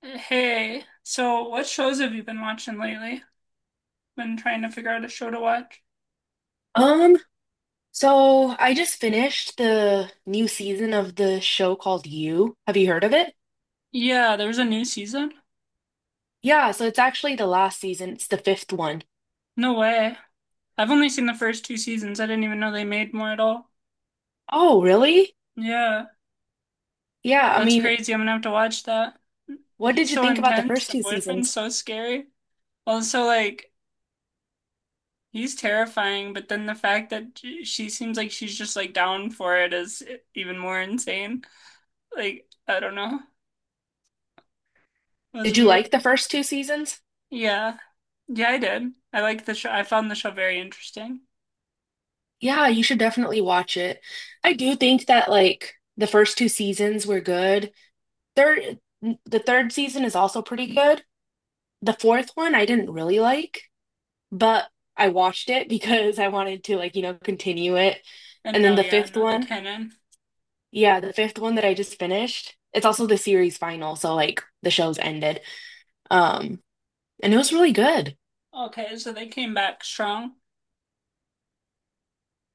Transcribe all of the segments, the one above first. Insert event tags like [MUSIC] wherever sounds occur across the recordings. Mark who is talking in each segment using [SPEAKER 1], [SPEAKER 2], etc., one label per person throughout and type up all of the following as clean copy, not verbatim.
[SPEAKER 1] Hey, so what shows have you been watching lately? Been trying to figure out a show to watch.
[SPEAKER 2] Um, so I just finished the new season of the show called You. Have you heard of it?
[SPEAKER 1] Yeah, there's a new season?
[SPEAKER 2] Yeah, so it's actually the last season. It's the fifth one.
[SPEAKER 1] No way. I've only seen the first two seasons. I didn't even know they made more at all.
[SPEAKER 2] Oh, really?
[SPEAKER 1] Yeah,
[SPEAKER 2] Yeah, I
[SPEAKER 1] that's
[SPEAKER 2] mean,
[SPEAKER 1] crazy. I'm gonna have to watch that.
[SPEAKER 2] what
[SPEAKER 1] He's
[SPEAKER 2] did you
[SPEAKER 1] so
[SPEAKER 2] think about the
[SPEAKER 1] intense.
[SPEAKER 2] first
[SPEAKER 1] The
[SPEAKER 2] two
[SPEAKER 1] boyfriend's
[SPEAKER 2] seasons?
[SPEAKER 1] so scary. Also, like, he's terrifying, but then the fact that she seems like she's just like down for it is even more insane. Like, I don't know. It was
[SPEAKER 2] Did you like
[SPEAKER 1] weird.
[SPEAKER 2] the first two seasons?
[SPEAKER 1] Yeah. Yeah, I did. I like the show. I found the show very interesting.
[SPEAKER 2] Yeah, you should definitely watch it. I do think that like the first two seasons were good. Third, the third season is also pretty good. The fourth one I didn't really like. But I watched it because I wanted to like, continue it.
[SPEAKER 1] And
[SPEAKER 2] And then
[SPEAKER 1] no,
[SPEAKER 2] the
[SPEAKER 1] yeah,
[SPEAKER 2] fifth
[SPEAKER 1] no, they
[SPEAKER 2] one,
[SPEAKER 1] canon.
[SPEAKER 2] yeah, the fifth one that I just finished, it's also the series final, so like the show's ended. Um, and it was really good.
[SPEAKER 1] Okay, so they came back strong.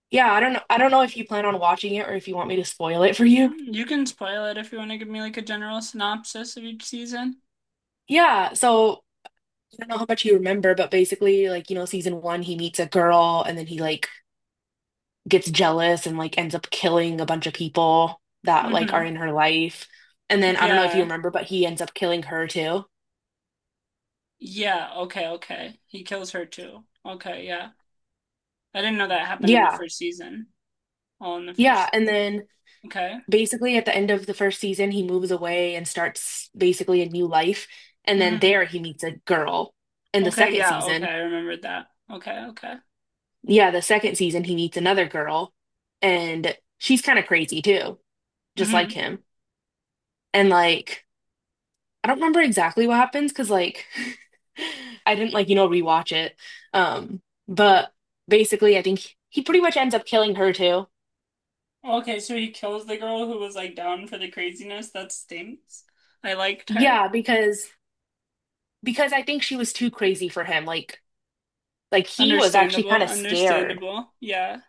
[SPEAKER 2] Yeah, I don't know if you plan on watching it or if you want me to spoil it for you.
[SPEAKER 1] Mm, you can spoil it if you want to give me like a general synopsis of each season.
[SPEAKER 2] Yeah, so I don't know how much you remember, but basically like, season one, he meets a girl and then he like gets jealous and like ends up killing a bunch of people that like are
[SPEAKER 1] Mm-hmm.
[SPEAKER 2] in her life. And then I don't know if you
[SPEAKER 1] Yeah.
[SPEAKER 2] remember, but he ends up killing her too.
[SPEAKER 1] Yeah, okay, okay, he kills her too. Okay, yeah, I didn't know that happened in the
[SPEAKER 2] Yeah.
[SPEAKER 1] first season. All in the
[SPEAKER 2] Yeah.
[SPEAKER 1] first.
[SPEAKER 2] And then
[SPEAKER 1] Okay.
[SPEAKER 2] basically at the end of the first season, he moves away and starts basically a new life. And then
[SPEAKER 1] Mm-hmm.
[SPEAKER 2] there he meets a girl. In the
[SPEAKER 1] Okay,
[SPEAKER 2] second
[SPEAKER 1] yeah, okay,
[SPEAKER 2] season,
[SPEAKER 1] I remembered that. Okay, okay.
[SPEAKER 2] yeah, the second season, he meets another girl. And she's kind of crazy too, just like
[SPEAKER 1] Mm-hmm.
[SPEAKER 2] him. And like, I don't remember exactly what happens because like, [LAUGHS] I didn't like, rewatch it. Um, but basically, I think he pretty much ends up killing her too.
[SPEAKER 1] Okay, so he kills the girl who was like down for the craziness. That stinks. I liked her.
[SPEAKER 2] Yeah, because I think she was too crazy for him. Like he was actually
[SPEAKER 1] Understandable,
[SPEAKER 2] kind of scared.
[SPEAKER 1] understandable. Yeah.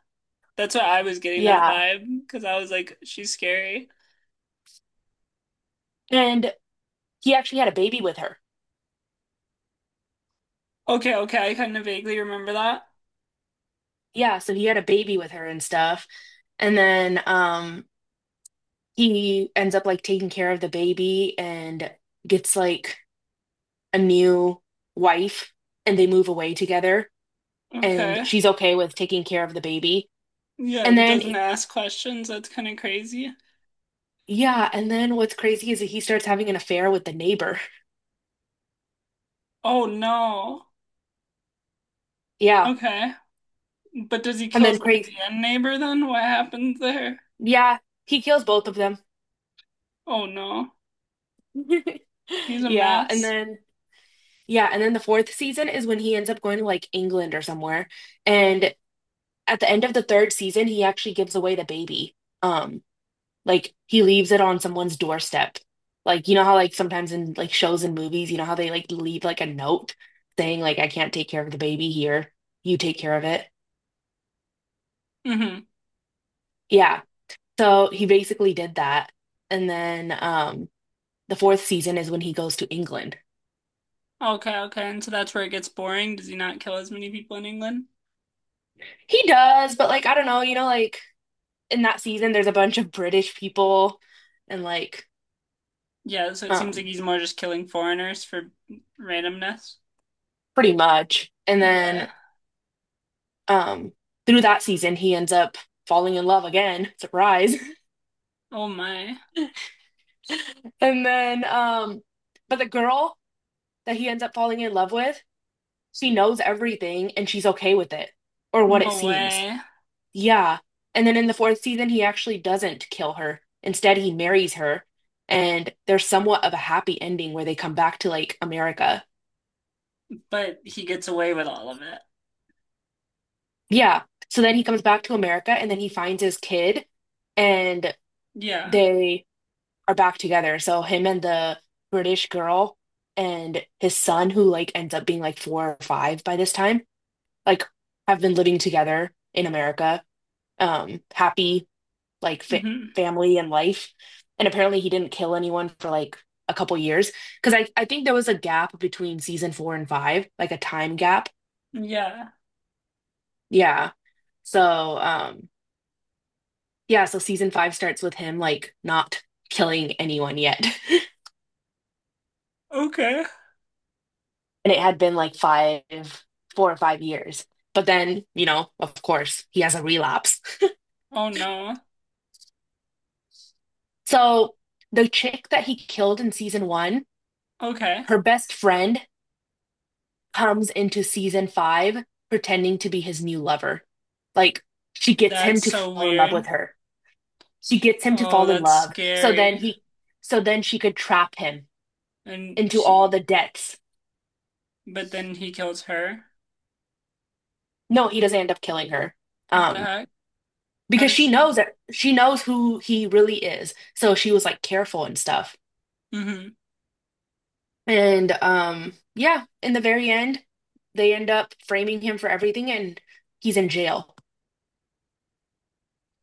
[SPEAKER 1] That's what I was getting that
[SPEAKER 2] Yeah.
[SPEAKER 1] vibe because I was like, she's scary.
[SPEAKER 2] And he actually had a baby with her.
[SPEAKER 1] Okay, okay, I kind of vaguely remember that.
[SPEAKER 2] Yeah, so he had a baby with her and stuff. And then he ends up like taking care of the baby and gets like a new wife and they move away together and
[SPEAKER 1] Okay.
[SPEAKER 2] she's okay with taking care of the baby.
[SPEAKER 1] Yeah,
[SPEAKER 2] And
[SPEAKER 1] and
[SPEAKER 2] then
[SPEAKER 1] doesn't ask questions. That's kind of crazy.
[SPEAKER 2] yeah, and then what's crazy is that he starts having an affair with the neighbor.
[SPEAKER 1] Oh no.
[SPEAKER 2] Yeah.
[SPEAKER 1] Okay. But does he
[SPEAKER 2] And
[SPEAKER 1] kill
[SPEAKER 2] then
[SPEAKER 1] his wife
[SPEAKER 2] crazy.
[SPEAKER 1] and neighbor then? What happens there?
[SPEAKER 2] Yeah, he kills both of them.
[SPEAKER 1] Oh no.
[SPEAKER 2] [LAUGHS]
[SPEAKER 1] He's a
[SPEAKER 2] Yeah, and
[SPEAKER 1] mess.
[SPEAKER 2] then yeah, and then the fourth season is when he ends up going to like England or somewhere. And at the end of the third season, he actually gives away the baby. Um, like he leaves it on someone's doorstep. Like you know how like sometimes in like shows and movies, you know how they like leave like a note saying like I can't take care of the baby here. You take care of it.
[SPEAKER 1] Hmm.
[SPEAKER 2] Yeah. So he basically did that. And then the fourth season is when he goes to England.
[SPEAKER 1] Okay, okay. And so that's where it gets boring. Does he not kill as many people in England?
[SPEAKER 2] He does, but like I don't know, you know like in that season there's a bunch of British people and like
[SPEAKER 1] Yeah, so it seems like
[SPEAKER 2] um
[SPEAKER 1] he's more just killing foreigners for randomness.
[SPEAKER 2] pretty much. And then
[SPEAKER 1] Yeah.
[SPEAKER 2] um through that season he ends up falling in love again. Surprise. [LAUGHS]
[SPEAKER 1] Oh my.
[SPEAKER 2] And then but the girl that he ends up falling in love with, she knows everything and she's okay with it or what it
[SPEAKER 1] No
[SPEAKER 2] seems.
[SPEAKER 1] way.
[SPEAKER 2] Yeah. And then in the fourth season he actually doesn't kill her. Instead he marries her and there's somewhat of a happy ending where they come back to like America.
[SPEAKER 1] But he gets away with all of it.
[SPEAKER 2] Yeah. So then he comes back to America and then he finds his kid and
[SPEAKER 1] Yeah.
[SPEAKER 2] they are back together. So him and the British girl and his son, who like ends up being like four or five by this time, like have been living together in America, happy like fa
[SPEAKER 1] Hmm.
[SPEAKER 2] family and life. And apparently he didn't kill anyone for like a couple years because I think there was a gap between season four and five, like a time gap.
[SPEAKER 1] Yeah.
[SPEAKER 2] Yeah. So, yeah, so season five starts with him like not killing anyone yet. [LAUGHS]
[SPEAKER 1] Okay.
[SPEAKER 2] And it had been like 4 or 5 years. But then, you know, of course, he has a relapse.
[SPEAKER 1] Oh no.
[SPEAKER 2] So the chick that he killed in season one,
[SPEAKER 1] Okay.
[SPEAKER 2] her best friend comes into season five pretending to be his new lover. Like she gets him
[SPEAKER 1] That's
[SPEAKER 2] to
[SPEAKER 1] so
[SPEAKER 2] fall in love with
[SPEAKER 1] weird.
[SPEAKER 2] her. She gets him to
[SPEAKER 1] Oh,
[SPEAKER 2] fall in
[SPEAKER 1] that's
[SPEAKER 2] love. So then
[SPEAKER 1] scary.
[SPEAKER 2] she could trap him
[SPEAKER 1] And
[SPEAKER 2] into all
[SPEAKER 1] she,
[SPEAKER 2] the debts.
[SPEAKER 1] but then he kills her.
[SPEAKER 2] No, he doesn't end up killing her.
[SPEAKER 1] What the
[SPEAKER 2] Um,
[SPEAKER 1] heck? How
[SPEAKER 2] because
[SPEAKER 1] does
[SPEAKER 2] she
[SPEAKER 1] she?
[SPEAKER 2] knows that she knows who he really is. So she was like careful and stuff.
[SPEAKER 1] Hmm.
[SPEAKER 2] And yeah, in the very end, they end up framing him for everything and he's in jail.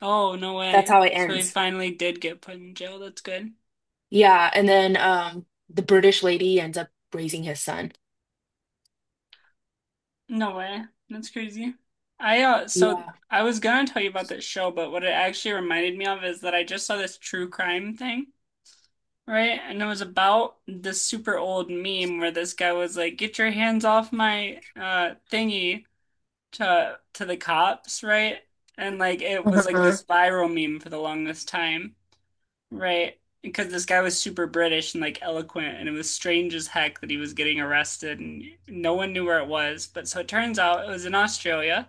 [SPEAKER 1] Oh, no
[SPEAKER 2] That's
[SPEAKER 1] way.
[SPEAKER 2] how it
[SPEAKER 1] So he
[SPEAKER 2] ends.
[SPEAKER 1] finally did get put in jail. That's good.
[SPEAKER 2] Yeah, and then the British lady ends up raising his son.
[SPEAKER 1] No way. That's crazy. I so
[SPEAKER 2] Yeah.
[SPEAKER 1] I was gonna tell you about this show, but what it actually reminded me of is that I just saw this true crime thing, right? And it was about this super old meme where this guy was like, "Get your hands off my thingy" to the cops, right? And like it was like
[SPEAKER 2] Uh-huh.
[SPEAKER 1] this viral meme for the longest time. Right. Because this guy was super British and like eloquent, and it was strange as heck that he was getting arrested and no one knew where it was. But so it turns out it was in Australia,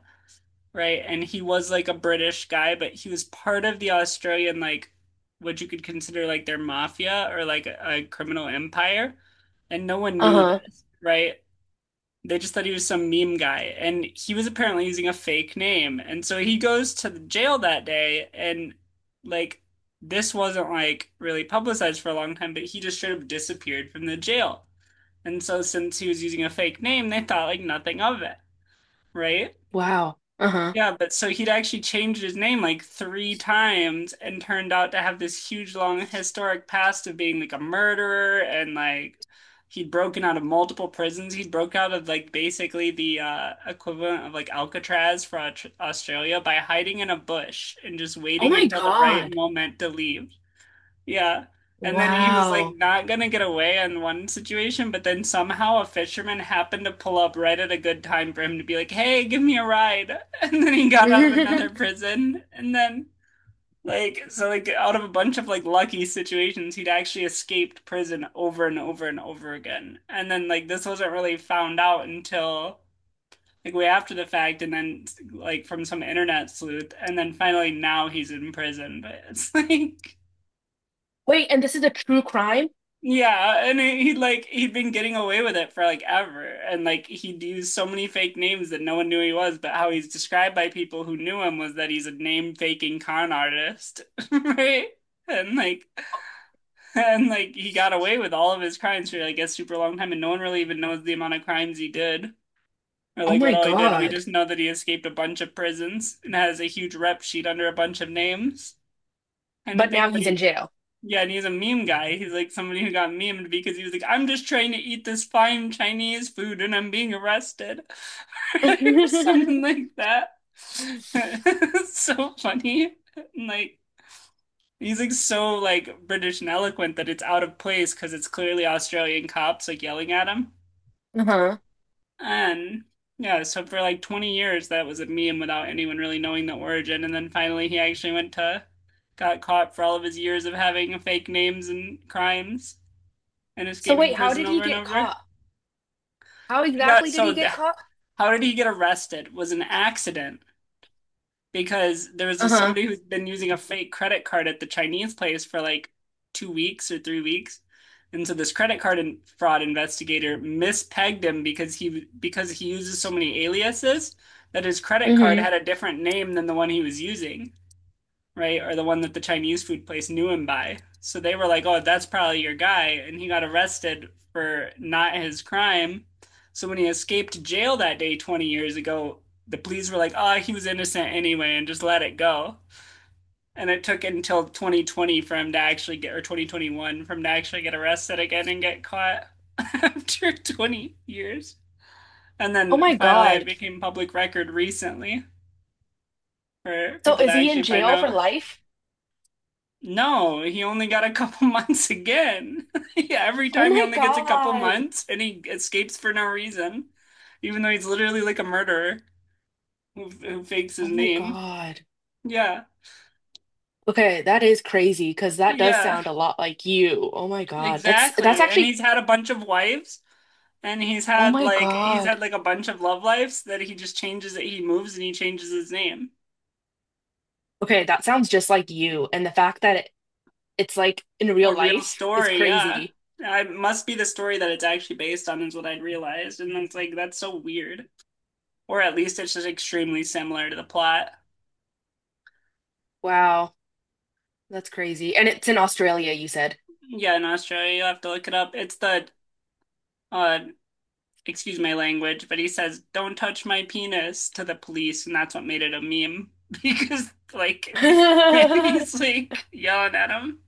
[SPEAKER 1] right? And he was like a British guy, but he was part of the Australian, like what you could consider like their mafia or like a criminal empire. And no one knew
[SPEAKER 2] Uh-huh.
[SPEAKER 1] this, right? They just thought he was some meme guy, and he was apparently using a fake name. And so he goes to the jail that day, and like this wasn't like really publicized for a long time, but he just straight up disappeared from the jail. And so since he was using a fake name, they thought like nothing of it, right?
[SPEAKER 2] Wow. Uh-huh.
[SPEAKER 1] Yeah, but so he'd actually changed his name like three times and turned out to have this huge long historic past of being like a murderer and like he'd broken out of multiple prisons. He'd broke out of like basically the equivalent of like Alcatraz for Australia by hiding in a bush and just
[SPEAKER 2] Oh
[SPEAKER 1] waiting
[SPEAKER 2] my
[SPEAKER 1] until the right
[SPEAKER 2] God.
[SPEAKER 1] moment to leave. Yeah. And then he was like
[SPEAKER 2] Wow.
[SPEAKER 1] not gonna get away in one situation, but then somehow a fisherman happened to pull up right at a good time for him to be like, "Hey, give me a ride." [LAUGHS] And then he
[SPEAKER 2] [LAUGHS]
[SPEAKER 1] got out of another
[SPEAKER 2] Wait,
[SPEAKER 1] prison. And then like so like out of a bunch of like lucky situations, he'd actually escaped prison over and over and over again. And then like this wasn't really found out until like way after the fact and then like from some internet sleuth and then finally now he's in prison. But it's [LAUGHS] like
[SPEAKER 2] and this is a true crime?
[SPEAKER 1] yeah, and he like he'd been getting away with it for like ever, and like he'd used so many fake names that no one knew he was. But how he's described by people who knew him was that he's a name faking con artist, [LAUGHS] right? And like, and like he got away with all of his crimes for like a super long time, and no one really even knows the amount of crimes he did or
[SPEAKER 2] Oh
[SPEAKER 1] like
[SPEAKER 2] my
[SPEAKER 1] what all he did. We
[SPEAKER 2] God.
[SPEAKER 1] just know that he escaped a bunch of prisons and has a huge rep sheet under a bunch of names, kind of
[SPEAKER 2] But
[SPEAKER 1] thing.
[SPEAKER 2] now
[SPEAKER 1] But
[SPEAKER 2] he's in
[SPEAKER 1] he
[SPEAKER 2] jail.
[SPEAKER 1] yeah, and he's a meme guy. He's like somebody who got memed because he was like, I'm just trying to eat this fine Chinese food and I'm being arrested. [LAUGHS] Or something
[SPEAKER 2] [LAUGHS]
[SPEAKER 1] like that. [LAUGHS] It's so funny. And, like he's like so like British and eloquent that it's out of place because it's clearly Australian cops like yelling at him.
[SPEAKER 2] Uh-huh.
[SPEAKER 1] And yeah, so for like 20 years that was a meme without anyone really knowing the origin. And then finally he actually went to got caught for all of his years of having fake names and crimes and
[SPEAKER 2] So
[SPEAKER 1] escaping
[SPEAKER 2] wait, how
[SPEAKER 1] prison
[SPEAKER 2] did he
[SPEAKER 1] over and
[SPEAKER 2] get
[SPEAKER 1] over.
[SPEAKER 2] caught? How
[SPEAKER 1] He got
[SPEAKER 2] exactly did he get caught?
[SPEAKER 1] how did he get arrested? It was an accident because there was a,
[SPEAKER 2] Uh-huh.
[SPEAKER 1] somebody who's been using a fake credit card at the Chinese place for like 2 weeks or 3 weeks. And so this credit card fraud investigator mispegged him because he uses so many aliases that his credit card had
[SPEAKER 2] Hmm.
[SPEAKER 1] a different name than the one he was using. Right, or the one that the Chinese food place knew him by. So they were like, "Oh, that's probably your guy," and he got arrested for not his crime. So when he escaped jail that day 20 years ago, the police were like, "Oh, he was innocent anyway," and just let it go. And it took until 2020 for him to actually get, or 2021 for him to actually get arrested again and get caught [LAUGHS] after 20 years. And
[SPEAKER 2] Oh
[SPEAKER 1] then
[SPEAKER 2] my
[SPEAKER 1] finally, it
[SPEAKER 2] God.
[SPEAKER 1] became public record recently for
[SPEAKER 2] So
[SPEAKER 1] people to
[SPEAKER 2] is he in
[SPEAKER 1] actually find
[SPEAKER 2] jail for
[SPEAKER 1] out.
[SPEAKER 2] life?
[SPEAKER 1] No, he only got a couple [LAUGHS] months again. [LAUGHS] Yeah, every
[SPEAKER 2] Oh
[SPEAKER 1] time he
[SPEAKER 2] my
[SPEAKER 1] only gets a couple
[SPEAKER 2] God.
[SPEAKER 1] months and he escapes for no reason, even though he's literally like a murderer who fakes
[SPEAKER 2] Oh
[SPEAKER 1] his
[SPEAKER 2] my
[SPEAKER 1] name.
[SPEAKER 2] God.
[SPEAKER 1] Yeah,
[SPEAKER 2] Okay, that is crazy because that does
[SPEAKER 1] yeah,
[SPEAKER 2] sound a lot like you. Oh my God. That's
[SPEAKER 1] exactly. And
[SPEAKER 2] actually
[SPEAKER 1] he's had a bunch of wives and he's
[SPEAKER 2] oh
[SPEAKER 1] had
[SPEAKER 2] my
[SPEAKER 1] like
[SPEAKER 2] God.
[SPEAKER 1] a bunch of love lives that he just changes it. He moves and he changes his name.
[SPEAKER 2] Okay, that sounds just like you. And the fact that it's like in real
[SPEAKER 1] A real
[SPEAKER 2] life is
[SPEAKER 1] story, yeah.
[SPEAKER 2] crazy.
[SPEAKER 1] It must be the story that it's actually based on is what I'd realized. And it's like, that's so weird. Or at least it's just extremely similar to the plot.
[SPEAKER 2] Wow, that's crazy. And it's in Australia, you said.
[SPEAKER 1] Yeah, in Australia, you'll have to look it up. It's the uh, excuse my language, but he says, "Don't touch my penis" to the police, and that's what made it a meme because, like, [LAUGHS] he's
[SPEAKER 2] [LAUGHS]
[SPEAKER 1] like yelling at him.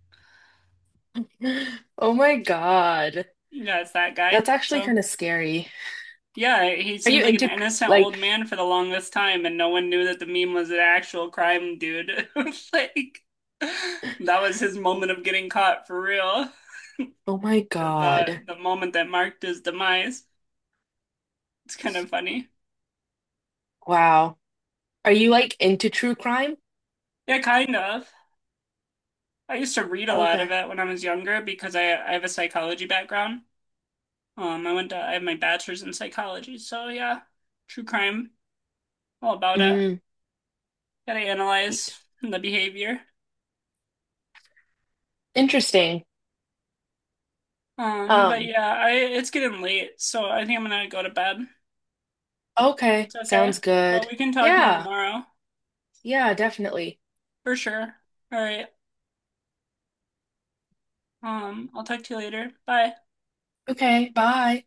[SPEAKER 2] Oh my God.
[SPEAKER 1] Yeah, it's that guy.
[SPEAKER 2] That's actually
[SPEAKER 1] So,
[SPEAKER 2] kind of scary.
[SPEAKER 1] yeah, he
[SPEAKER 2] Are
[SPEAKER 1] seemed
[SPEAKER 2] you
[SPEAKER 1] like an
[SPEAKER 2] into
[SPEAKER 1] innocent old
[SPEAKER 2] like,
[SPEAKER 1] man for the longest time, and no one knew that the meme was an actual crime dude. [LAUGHS] Like, that was his moment of getting caught for real.
[SPEAKER 2] oh my
[SPEAKER 1] the
[SPEAKER 2] God.
[SPEAKER 1] the moment that marked his demise. It's kind of funny.
[SPEAKER 2] Wow. Are you like into true crime?
[SPEAKER 1] Yeah, kind of. I used to read a lot of
[SPEAKER 2] Okay.
[SPEAKER 1] it when I was younger because I have a psychology background. I went to I have my bachelor's in psychology, so yeah, true crime, all about it.
[SPEAKER 2] Mm,
[SPEAKER 1] Gotta analyze the behavior.
[SPEAKER 2] Interesting.
[SPEAKER 1] But
[SPEAKER 2] Um,
[SPEAKER 1] yeah, I it's getting late, so I think I'm gonna go to bed.
[SPEAKER 2] okay.
[SPEAKER 1] It's okay,
[SPEAKER 2] Sounds
[SPEAKER 1] but
[SPEAKER 2] good.
[SPEAKER 1] we can talk more
[SPEAKER 2] Yeah.
[SPEAKER 1] tomorrow
[SPEAKER 2] Yeah, definitely.
[SPEAKER 1] for sure. All right. I'll talk to you later. Bye.
[SPEAKER 2] Okay, bye.